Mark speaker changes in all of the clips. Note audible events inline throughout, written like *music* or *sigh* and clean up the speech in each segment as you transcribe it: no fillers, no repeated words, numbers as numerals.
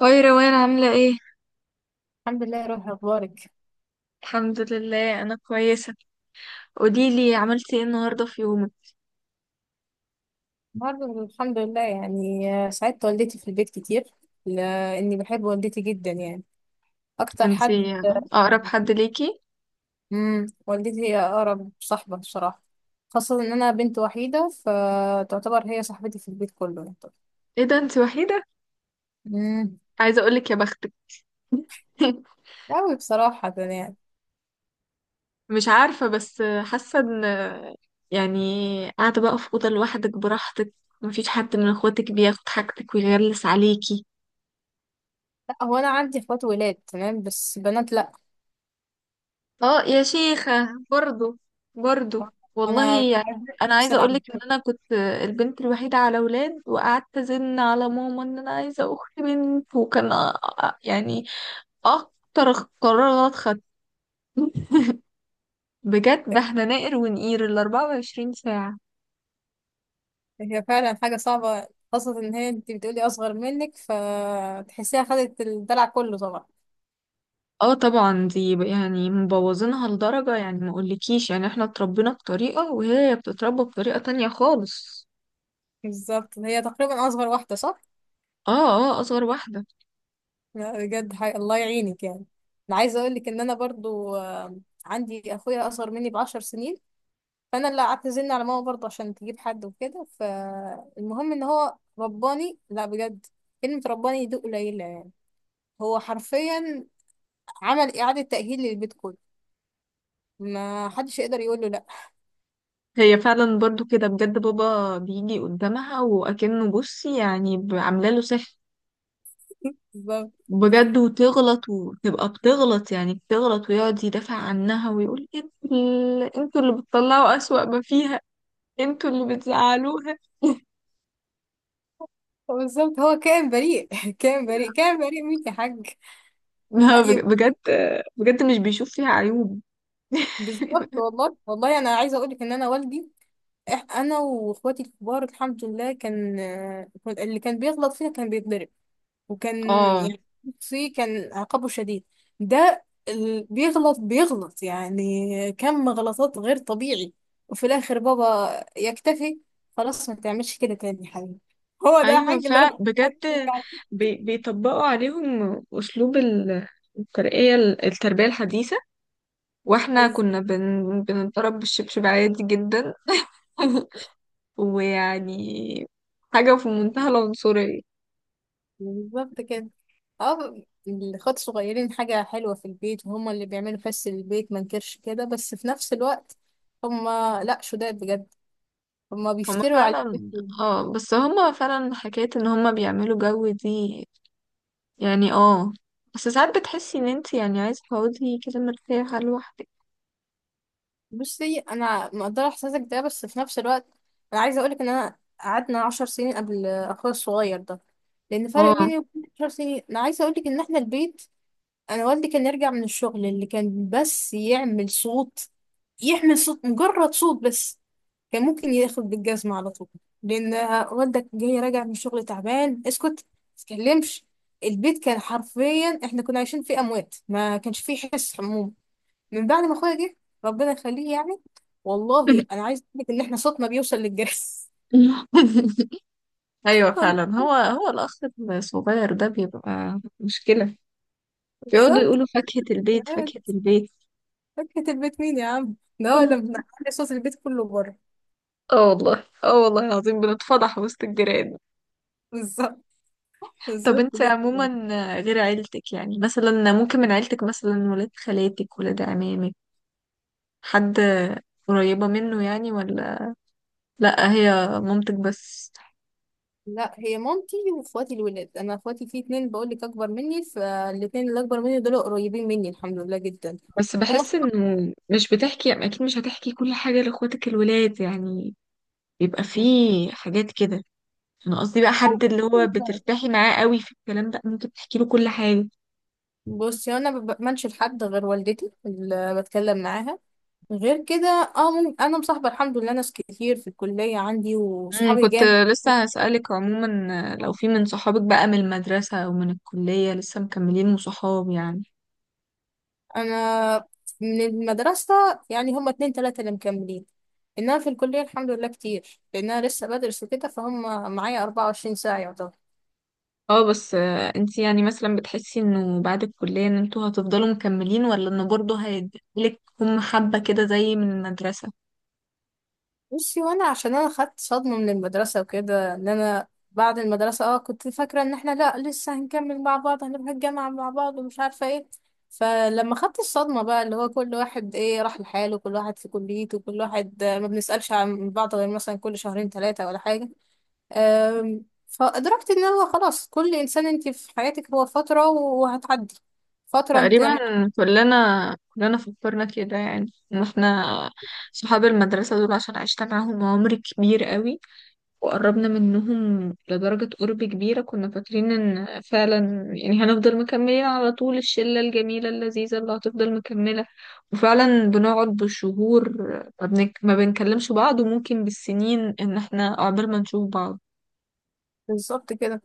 Speaker 1: هاي روان عاملة ايه؟
Speaker 2: الحمد لله يا روحي، اخبارك؟
Speaker 1: الحمد لله أنا كويسة. قوليلي عملتي ايه النهاردة في يومك؟
Speaker 2: برضه الحمد لله. يعني ساعدت والدتي في البيت كتير لاني بحب والدتي جدا يعني اكتر حد.
Speaker 1: انتي أقرب حد ليكي؟
Speaker 2: والدتي هي اقرب صاحبه بصراحه، خاصه ان انا بنت وحيده فتعتبر هي صاحبتي في البيت كله يعني.
Speaker 1: ايه ده انتي وحيدة؟
Speaker 2: امم
Speaker 1: عايزة أقولك يا بختك. *laughs*
Speaker 2: مش قوي بصراحه يعني.
Speaker 1: مش عارفة بس حاسة ان يعني قاعدة بقى في أوضة لوحدك براحتك. مفيش حد من اخواتك بياخد حاجتك ويغلس عليكي.
Speaker 2: لا، هو انا عندي اخوات ولاد تمام، بس بنات لا.
Speaker 1: اه يا شيخة، برضو برضو والله
Speaker 2: انا
Speaker 1: يعني. انا
Speaker 2: نفس
Speaker 1: عايزة
Speaker 2: العمل.
Speaker 1: اقولك ان انا كنت البنت الوحيدة على ولاد، وقعدت ازن على ماما ان انا عايزة اخت بنت، وكان يعني اكتر. قرار غلط خدت، بجد، ده احنا نقر ونقير ال 24 ساعة.
Speaker 2: هي فعلا حاجه صعبه، خاصه ان هي انت بتقولي اصغر منك، فتحسيها خدت الدلع كله طبعا.
Speaker 1: اه طبعا، دي يعني مبوظينها لدرجة، يعني ما اقولكيش، يعني احنا اتربينا بطريقة وهي بتتربى بطريقة تانية خالص.
Speaker 2: بالظبط، هي تقريبا اصغر واحده، صح.
Speaker 1: اه، اه اصغر واحدة.
Speaker 2: لا، بجد الله يعينك يعني. انا عايزه اقول لك ان انا برضو عندي اخويا اصغر مني بـ10 سنين، فانا اللي اعتزلنا على ماما برضو عشان تجيب حد وكده. فالمهم ان هو رباني، لا بجد، كلمه رباني دي قليله يعني. هو حرفيا عمل اعاده تاهيل للبيت كله، ما حدش يقدر يقول له لا.
Speaker 1: هي فعلا برضو كده، بجد بابا بيجي قدامها وأكنه، بصي يعني عامله له سحر.
Speaker 2: بالظبط
Speaker 1: بجد، وتغلط وتبقى بتغلط، يعني بتغلط ويقعد يدافع عنها ويقول انتوا اللي بتطلعوا أسوأ ما فيها، انتوا اللي بتزعلوها. *laughs*
Speaker 2: بالظبط هو كائن بريء. *laughs* كائن بريء كائن بريء مين يا حاج.
Speaker 1: لا
Speaker 2: لا
Speaker 1: بجد، بجد مش بيشوف فيها عيوب.
Speaker 2: بالظبط، والله والله انا عايزه اقول لك ان انا والدي، انا واخواتي الكبار الحمد لله كان، اللي كان بيغلط فينا كان بيتضرب، وكان
Speaker 1: اه،
Speaker 2: يعني فيه كان عقابه شديد. ده اللي بيغلط بيغلط يعني كم غلطات غير طبيعي، وفي الاخر بابا يكتفي. خلاص ما تعملش كده تاني يا حبيبي. هو ده
Speaker 1: ايوه
Speaker 2: حاج اللي
Speaker 1: فعلا
Speaker 2: ربنا يعطيك
Speaker 1: بجد،
Speaker 2: عليه.
Speaker 1: بيطبقوا عليهم أسلوب الترقية، التربية الحديثة. واحنا
Speaker 2: بس،
Speaker 1: كنا بنضرب بالشبشب عادي جدا. *laughs* ويعني حاجة في منتهى العنصرية.
Speaker 2: بالظبط كده. اه الاخوات الصغيرين حاجة حلوة في البيت، وهما اللي بيعملوا فس البيت ما نكرش كده، بس في نفس الوقت هما لا شداد بجد، هما
Speaker 1: هما
Speaker 2: بيفتروا عليك
Speaker 1: فعلا،
Speaker 2: بالكلمة.
Speaker 1: اه بس هما فعلا حكاية ان هما بيعملوا جو دي. يعني اه، بس ساعات بتحسي ان انت يعني عايزة تقعدي كده مرتاحة لوحدك.
Speaker 2: بصي انا مقدره احساسك ده، بس في نفس الوقت انا عايزه اقولك ان انا قعدنا 10 سنين قبل اخويا الصغير ده، لان فرق
Speaker 1: اه.
Speaker 2: بيني وبين 10 سنين انا عايزه اقولك ان احنا البيت، انا والدي كان يرجع من الشغل، اللي كان بس يعمل صوت، يحمل صوت مجرد صوت بس، كان ممكن ياخد بالجزمه على طول. لان والدك جاي راجع من الشغل تعبان، اسكت متتكلمش. البيت كان حرفيا احنا كنا عايشين فيه اموات، ما كانش فيه حس حموم. من بعد ما اخويا جه، ربنا يخليه يعني، والله انا
Speaker 1: *laughs*
Speaker 2: عايز اقول لك ان احنا صوتنا بيوصل للجهاز.
Speaker 1: ايوه فعلا،
Speaker 2: *laughs*
Speaker 1: هو الاخ الصغير ده بيبقى مشكلة. بيقعدوا
Speaker 2: بالظبط،
Speaker 1: يقولوا فاكهة البيت،
Speaker 2: يعني
Speaker 1: فاكهة البيت.
Speaker 2: فكرة البيت مين يا عم؟ ده هو اللي بنعلي صوت البيت كله بره.
Speaker 1: اه والله، اه والله العظيم بنتفضح وسط الجيران.
Speaker 2: بالظبط
Speaker 1: طب
Speaker 2: بالظبط
Speaker 1: انت عموما،
Speaker 2: جدا.
Speaker 1: غير عيلتك، يعني مثلا ممكن من عيلتك مثلا ولاد خالاتك، ولاد عمامك، حد قريبة منه يعني، ولا لأ، هي مامتك بس؟
Speaker 2: لا هي مامتي واخواتي الولاد، انا اخواتي في اتنين بقول لك اكبر مني، فالاتنين اللي اكبر مني دول قريبين مني الحمد لله جدا.
Speaker 1: بس
Speaker 2: هما.
Speaker 1: بحس انه مش بتحكي، اكيد مش هتحكي كل حاجة لاخواتك الولاد يعني، بيبقى فيه حاجات كده. انا قصدي بقى حد اللي هو
Speaker 2: *laughs*
Speaker 1: بترتاحي معاه قوي في الكلام، ده ممكن تحكي له كل حاجة.
Speaker 2: بصي انا ما بأمنش لحد غير والدتي اللي بتكلم معاها، غير كده اه ممكن انا مصاحبه الحمد لله ناس كتير في الكليه عندي، وصحابي
Speaker 1: كنت
Speaker 2: جامد.
Speaker 1: لسه هسألك عموما لو في من صحابك بقى من المدرسة أو من الكلية لسه مكملين صحاب يعني.
Speaker 2: انا من المدرسه يعني هما اتنين تلاته اللي مكملين، انها في الكليه الحمد لله كتير لانها لسه بدرس وكده، فهم معايا 24 ساعه يعتبر.
Speaker 1: اه، بس انتي يعني مثلا بتحسي انه بعد الكلية ان انتوا هتفضلوا مكملين، ولا انه برضه هيديلك هم حبة كده زي من المدرسة؟
Speaker 2: بصي، وانا عشان انا خدت صدمة من المدرسة وكده، ان انا بعد المدرسة اه كنت فاكرة ان احنا لا لسه هنكمل مع بعض، هنروح الجامعة مع بعض ومش عارفة ايه. فلما خدت الصدمة بقى اللي هو كل واحد ايه راح لحاله، كل واحد في كليته، كل واحد ما بنسألش عن بعض غير مثلا كل شهرين ثلاثة ولا حاجة. فأدركت ان هو خلاص كل انسان انت في حياتك هو فترة وهتعدي، فترة انت.
Speaker 1: تقريبا كلنا فكرنا كده، يعني ان احنا صحاب المدرسة دول عشان عشت معاهم عمر كبير قوي، وقربنا منهم لدرجة قرب كبيرة، كنا فاكرين ان فعلا يعني هنفضل مكملين على طول، الشلة الجميلة اللذيذة اللي هتفضل مكملة. وفعلا بنقعد بالشهور، ما بنكلمش بعض، وممكن بالسنين ان احنا عقبال ما نشوف بعض.
Speaker 2: بالظبط كده.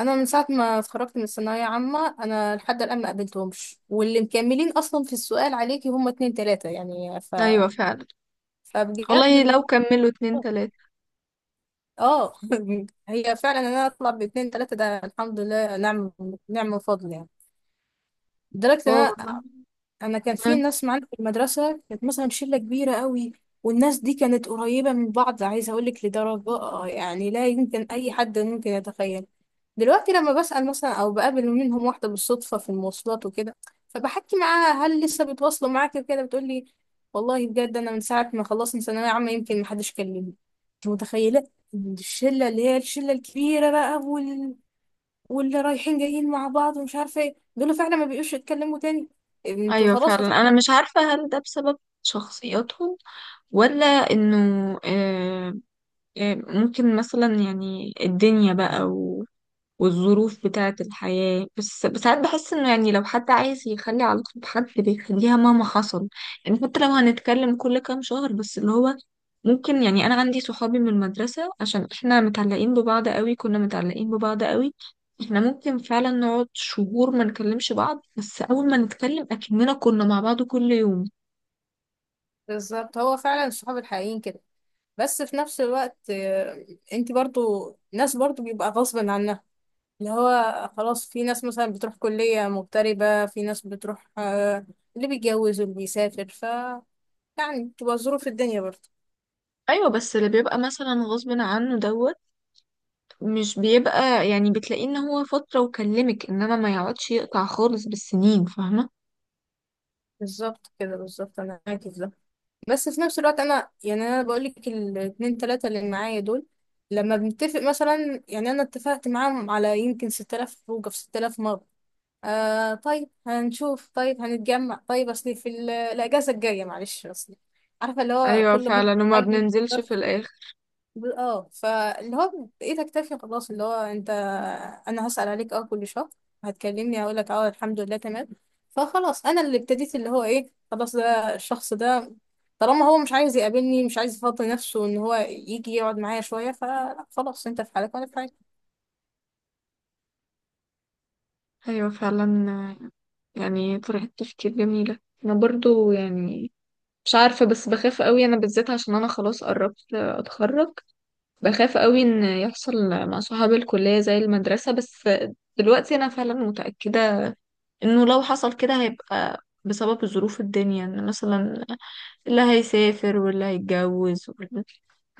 Speaker 2: انا من ساعه ما اتخرجت من الثانويه عامه انا لحد الان ما قابلتهمش، واللي مكملين اصلا في السؤال عليكي هم اتنين تلاته يعني.
Speaker 1: ايوه فعلا،
Speaker 2: فبجد
Speaker 1: والله
Speaker 2: اللي
Speaker 1: لو
Speaker 2: هو
Speaker 1: كملوا اتنين تلاتة
Speaker 2: اه. *laughs* هي فعلا ان انا اطلع باتنين تلاته ده الحمد لله، نعم نعم من فضل يعني.
Speaker 1: اه،
Speaker 2: لدرجه
Speaker 1: والله.
Speaker 2: انا كان في
Speaker 1: آه،
Speaker 2: ناس معانا في المدرسه كانت مثلا شله كبيره قوي، والناس دي كانت قريبه من بعض، عايزه اقول لك لدرجه يعني لا يمكن اي حد ممكن يتخيل. دلوقتي لما بسال مثلا او بقابل منهم واحده بالصدفه في المواصلات وكده، فبحكي معاها هل لسه بيتواصلوا معاك وكده، بتقول لي والله بجد انا من ساعه ما خلصنا ثانويه عامه يمكن محدش كلمني. انت متخيله؟ الشله اللي هي الشله الكبيره بقى واللي رايحين جايين مع بعض ومش عارفه ايه دول فعلا ما بيقوش يتكلموا تاني. انتوا
Speaker 1: ايوه
Speaker 2: خلاص.
Speaker 1: فعلا، انا مش عارفة هل ده بسبب شخصياتهم، ولا انه آه، ممكن مثلا، يعني الدنيا بقى والظروف بتاعة الحياة، بس ساعات بحس انه يعني لو حد عايز يخلي علاقته بحد بيخليها مهما حصل. يعني حتى لو هنتكلم كل كام شهر بس، اللي هو ممكن، يعني انا عندي صحابي من المدرسة عشان احنا متعلقين ببعض قوي، كنا متعلقين ببعض قوي، احنا ممكن فعلا نقعد شهور ما نكلمش بعض، بس اول ما نتكلم اكننا كنا مع بعض كل يوم.
Speaker 2: بالظبط، هو فعلا الصحاب الحقيقيين كده. بس في نفس الوقت انت برضو ناس برضو بيبقى غصب عنها، اللي هو خلاص، في ناس مثلا بتروح كلية مغتربة، في ناس بتروح اللي بيتجوز واللي بيسافر. ف يعني بتبقى ظروف الدنيا برضو.
Speaker 1: ايوه، بس اللي بيبقى مثلا غصب عنه دوت مش بيبقى، يعني بتلاقيه ان هو فترة وكلمك، انما ما يقعدش يقطع خالص بالسنين، فاهمة؟
Speaker 2: بالظبط كده، بالظبط انا معاكي في ده. بس في نفس الوقت انا يعني انا بقولك الاتنين تلاتة اللي معايا دول، لما بنتفق مثلا يعني انا اتفقت معاهم على يمكن 6000 خروجه في 6000 مرة. آه طيب هنشوف، طيب هنتجمع، طيب اصلي في الاجازه الجايه معلش اصلي. عارفه اللي هو
Speaker 1: ايوه
Speaker 2: كل ما
Speaker 1: فعلا، وما
Speaker 2: حاجه،
Speaker 1: بننزلش
Speaker 2: ظرف،
Speaker 1: في الاخر.
Speaker 2: فاللي هو بايدك تكفي خلاص. اللي هو انت، انا هسال عليك اه كل شهر، هتكلمني هقول لك اه الحمد لله تمام. فخلاص انا اللي ابتديت اللي هو ايه. خلاص، ده الشخص ده طالما هو مش عايز يقابلني، مش عايز يفضي نفسه ان هو يجي يقعد معايا شويه، فخلاص انت في حالك وانا في حالي.
Speaker 1: ايوه فعلا، آه، يعني طريقة تفكير جميلة. انا برضو يعني مش عارفة، بس بخاف قوي انا بالذات عشان انا خلاص قربت اتخرج. بخاف قوي ان يحصل مع صحاب الكلية زي المدرسة، بس دلوقتي انا فعلا متأكدة انه لو حصل كده هيبقى بسبب ظروف الدنيا، ان مثلا اللي هيسافر واللي هيتجوز.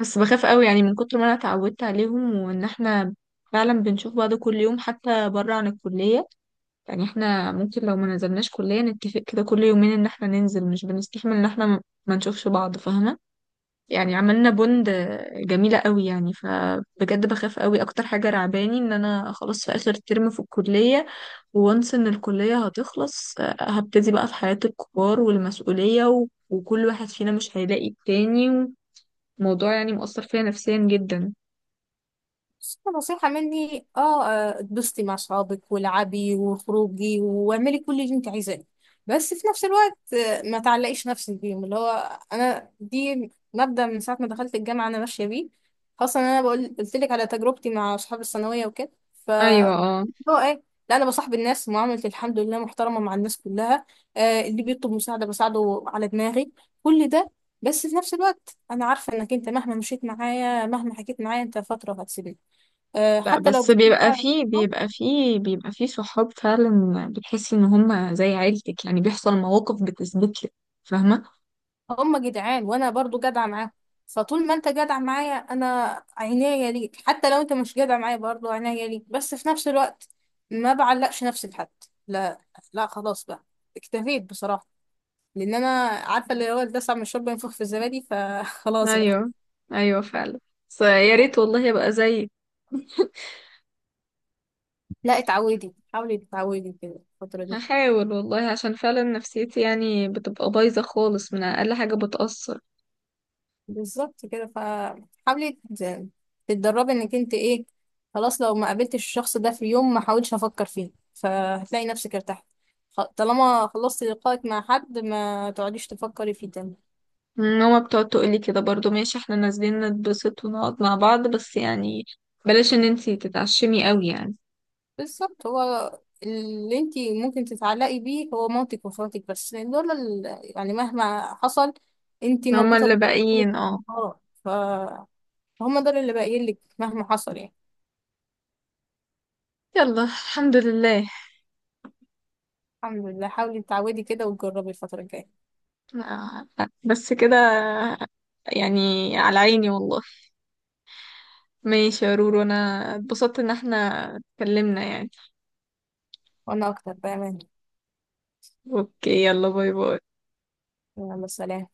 Speaker 1: بس بخاف قوي يعني من كتر ما انا اتعودت عليهم، وان احنا فعلا بنشوف بعض كل يوم حتى بره عن الكلية. يعني احنا ممكن لو ما نزلناش كلية نتفق كده كل يومين ان احنا ننزل، مش بنستحمل ان احنا ما نشوفش بعض، فاهمة؟ يعني عملنا بوند جميلة قوي يعني، فبجد بخاف قوي، اكتر حاجة رعباني ان انا خلاص في اخر ترم في الكلية، وانس ان الكلية هتخلص هبتدي بقى في حياة الكبار والمسؤولية، وكل واحد فينا مش هيلاقي التاني. موضوع يعني مؤثر فيا نفسيا جدا.
Speaker 2: بس نصيحة مني اه اتبسطي مع صحابك والعبي وخروجي واعملي كل اللي انت عايزاه. بس في نفس الوقت ما تعلقيش نفسك بيهم. اللي هو انا دي مبدأ من ساعة ما دخلت الجامعة انا ماشية بيه، خاصة ان انا بقول قلت لك على تجربتي مع اصحاب الثانوية وكده. ف
Speaker 1: ايوه اه،
Speaker 2: هو ايه، لا انا بصاحب الناس، معاملتي الحمد لله محترمة مع الناس كلها. آه، اللي بيطلب مساعدة بساعده على دماغي كل ده، بس في نفس الوقت انا عارفة انك انت مهما مشيت معايا مهما حكيت معايا انت فترة هتسيبني.
Speaker 1: لا
Speaker 2: حتى لو
Speaker 1: بس
Speaker 2: بقيت
Speaker 1: بيبقى
Speaker 2: فعلا
Speaker 1: فيه بيبقى فيه بيبقى فيه صحاب فعلا بتحسي ان هم زي عيلتك، يعني بيحصل مواقف بتثبت لك، فاهمه؟
Speaker 2: هم جدعان وانا برضو جدعه معاهم، فطول ما انت جدع معايا انا عينيا ليك. حتى لو انت مش جدع معايا برضو عينيا ليك، بس في نفس الوقت ما بعلقش نفسي بحد. لا، لا خلاص بقى، اكتفيت بصراحه، لان انا عارفه اللي هو الدسع من الشرب ينفخ في الزبادي فخلاص *laughs* بقى.
Speaker 1: ايوه، ايوه فعلا، بس يا ريت والله ابقى زيك.
Speaker 2: لا اتعودي، حاولي تتعودي كده الفتره دي.
Speaker 1: هحاول والله، عشان فعلا نفسيتي يعني بتبقى بايظه خالص من اقل حاجه بتاثر.
Speaker 2: بالظبط كده، فحاولي ت- تتدربي انك انت ايه. خلاص لو ما قابلتش الشخص ده في يوم ما حاولش افكر فيه، فهتلاقي نفسك ارتحت. طالما خلصت لقائك مع حد ما تقعديش تفكري فيه تاني.
Speaker 1: ماما بتقعد تقولي كده برضو، ماشي احنا نازلين نتبسط ونقعد مع بعض، بس يعني بلاش ان انتي تتعشمي قوي يعني.
Speaker 2: بالظبط، هو اللي انت ممكن تتعلقي بيه هو مامتك واخواتك بس، لأن دول يعني مهما حصل انت
Speaker 1: هما
Speaker 2: مربوطة
Speaker 1: اللي
Speaker 2: بيه.
Speaker 1: باقيين اه.
Speaker 2: اه ف- فهم دول اللي باقيين لك مهما حصل يعني.
Speaker 1: يلا الحمد لله.
Speaker 2: الحمد لله، حاولي تعودي كده وتجربي الفترة الجاية.
Speaker 1: آه، بس كده، يعني، على عيني والله. ماشي يا رورو، انا اتبسطت ان احنا اتكلمنا يعني.
Speaker 2: وانا اكتر بأمان.
Speaker 1: اوكي، يلا باي باي.
Speaker 2: يلا سلام.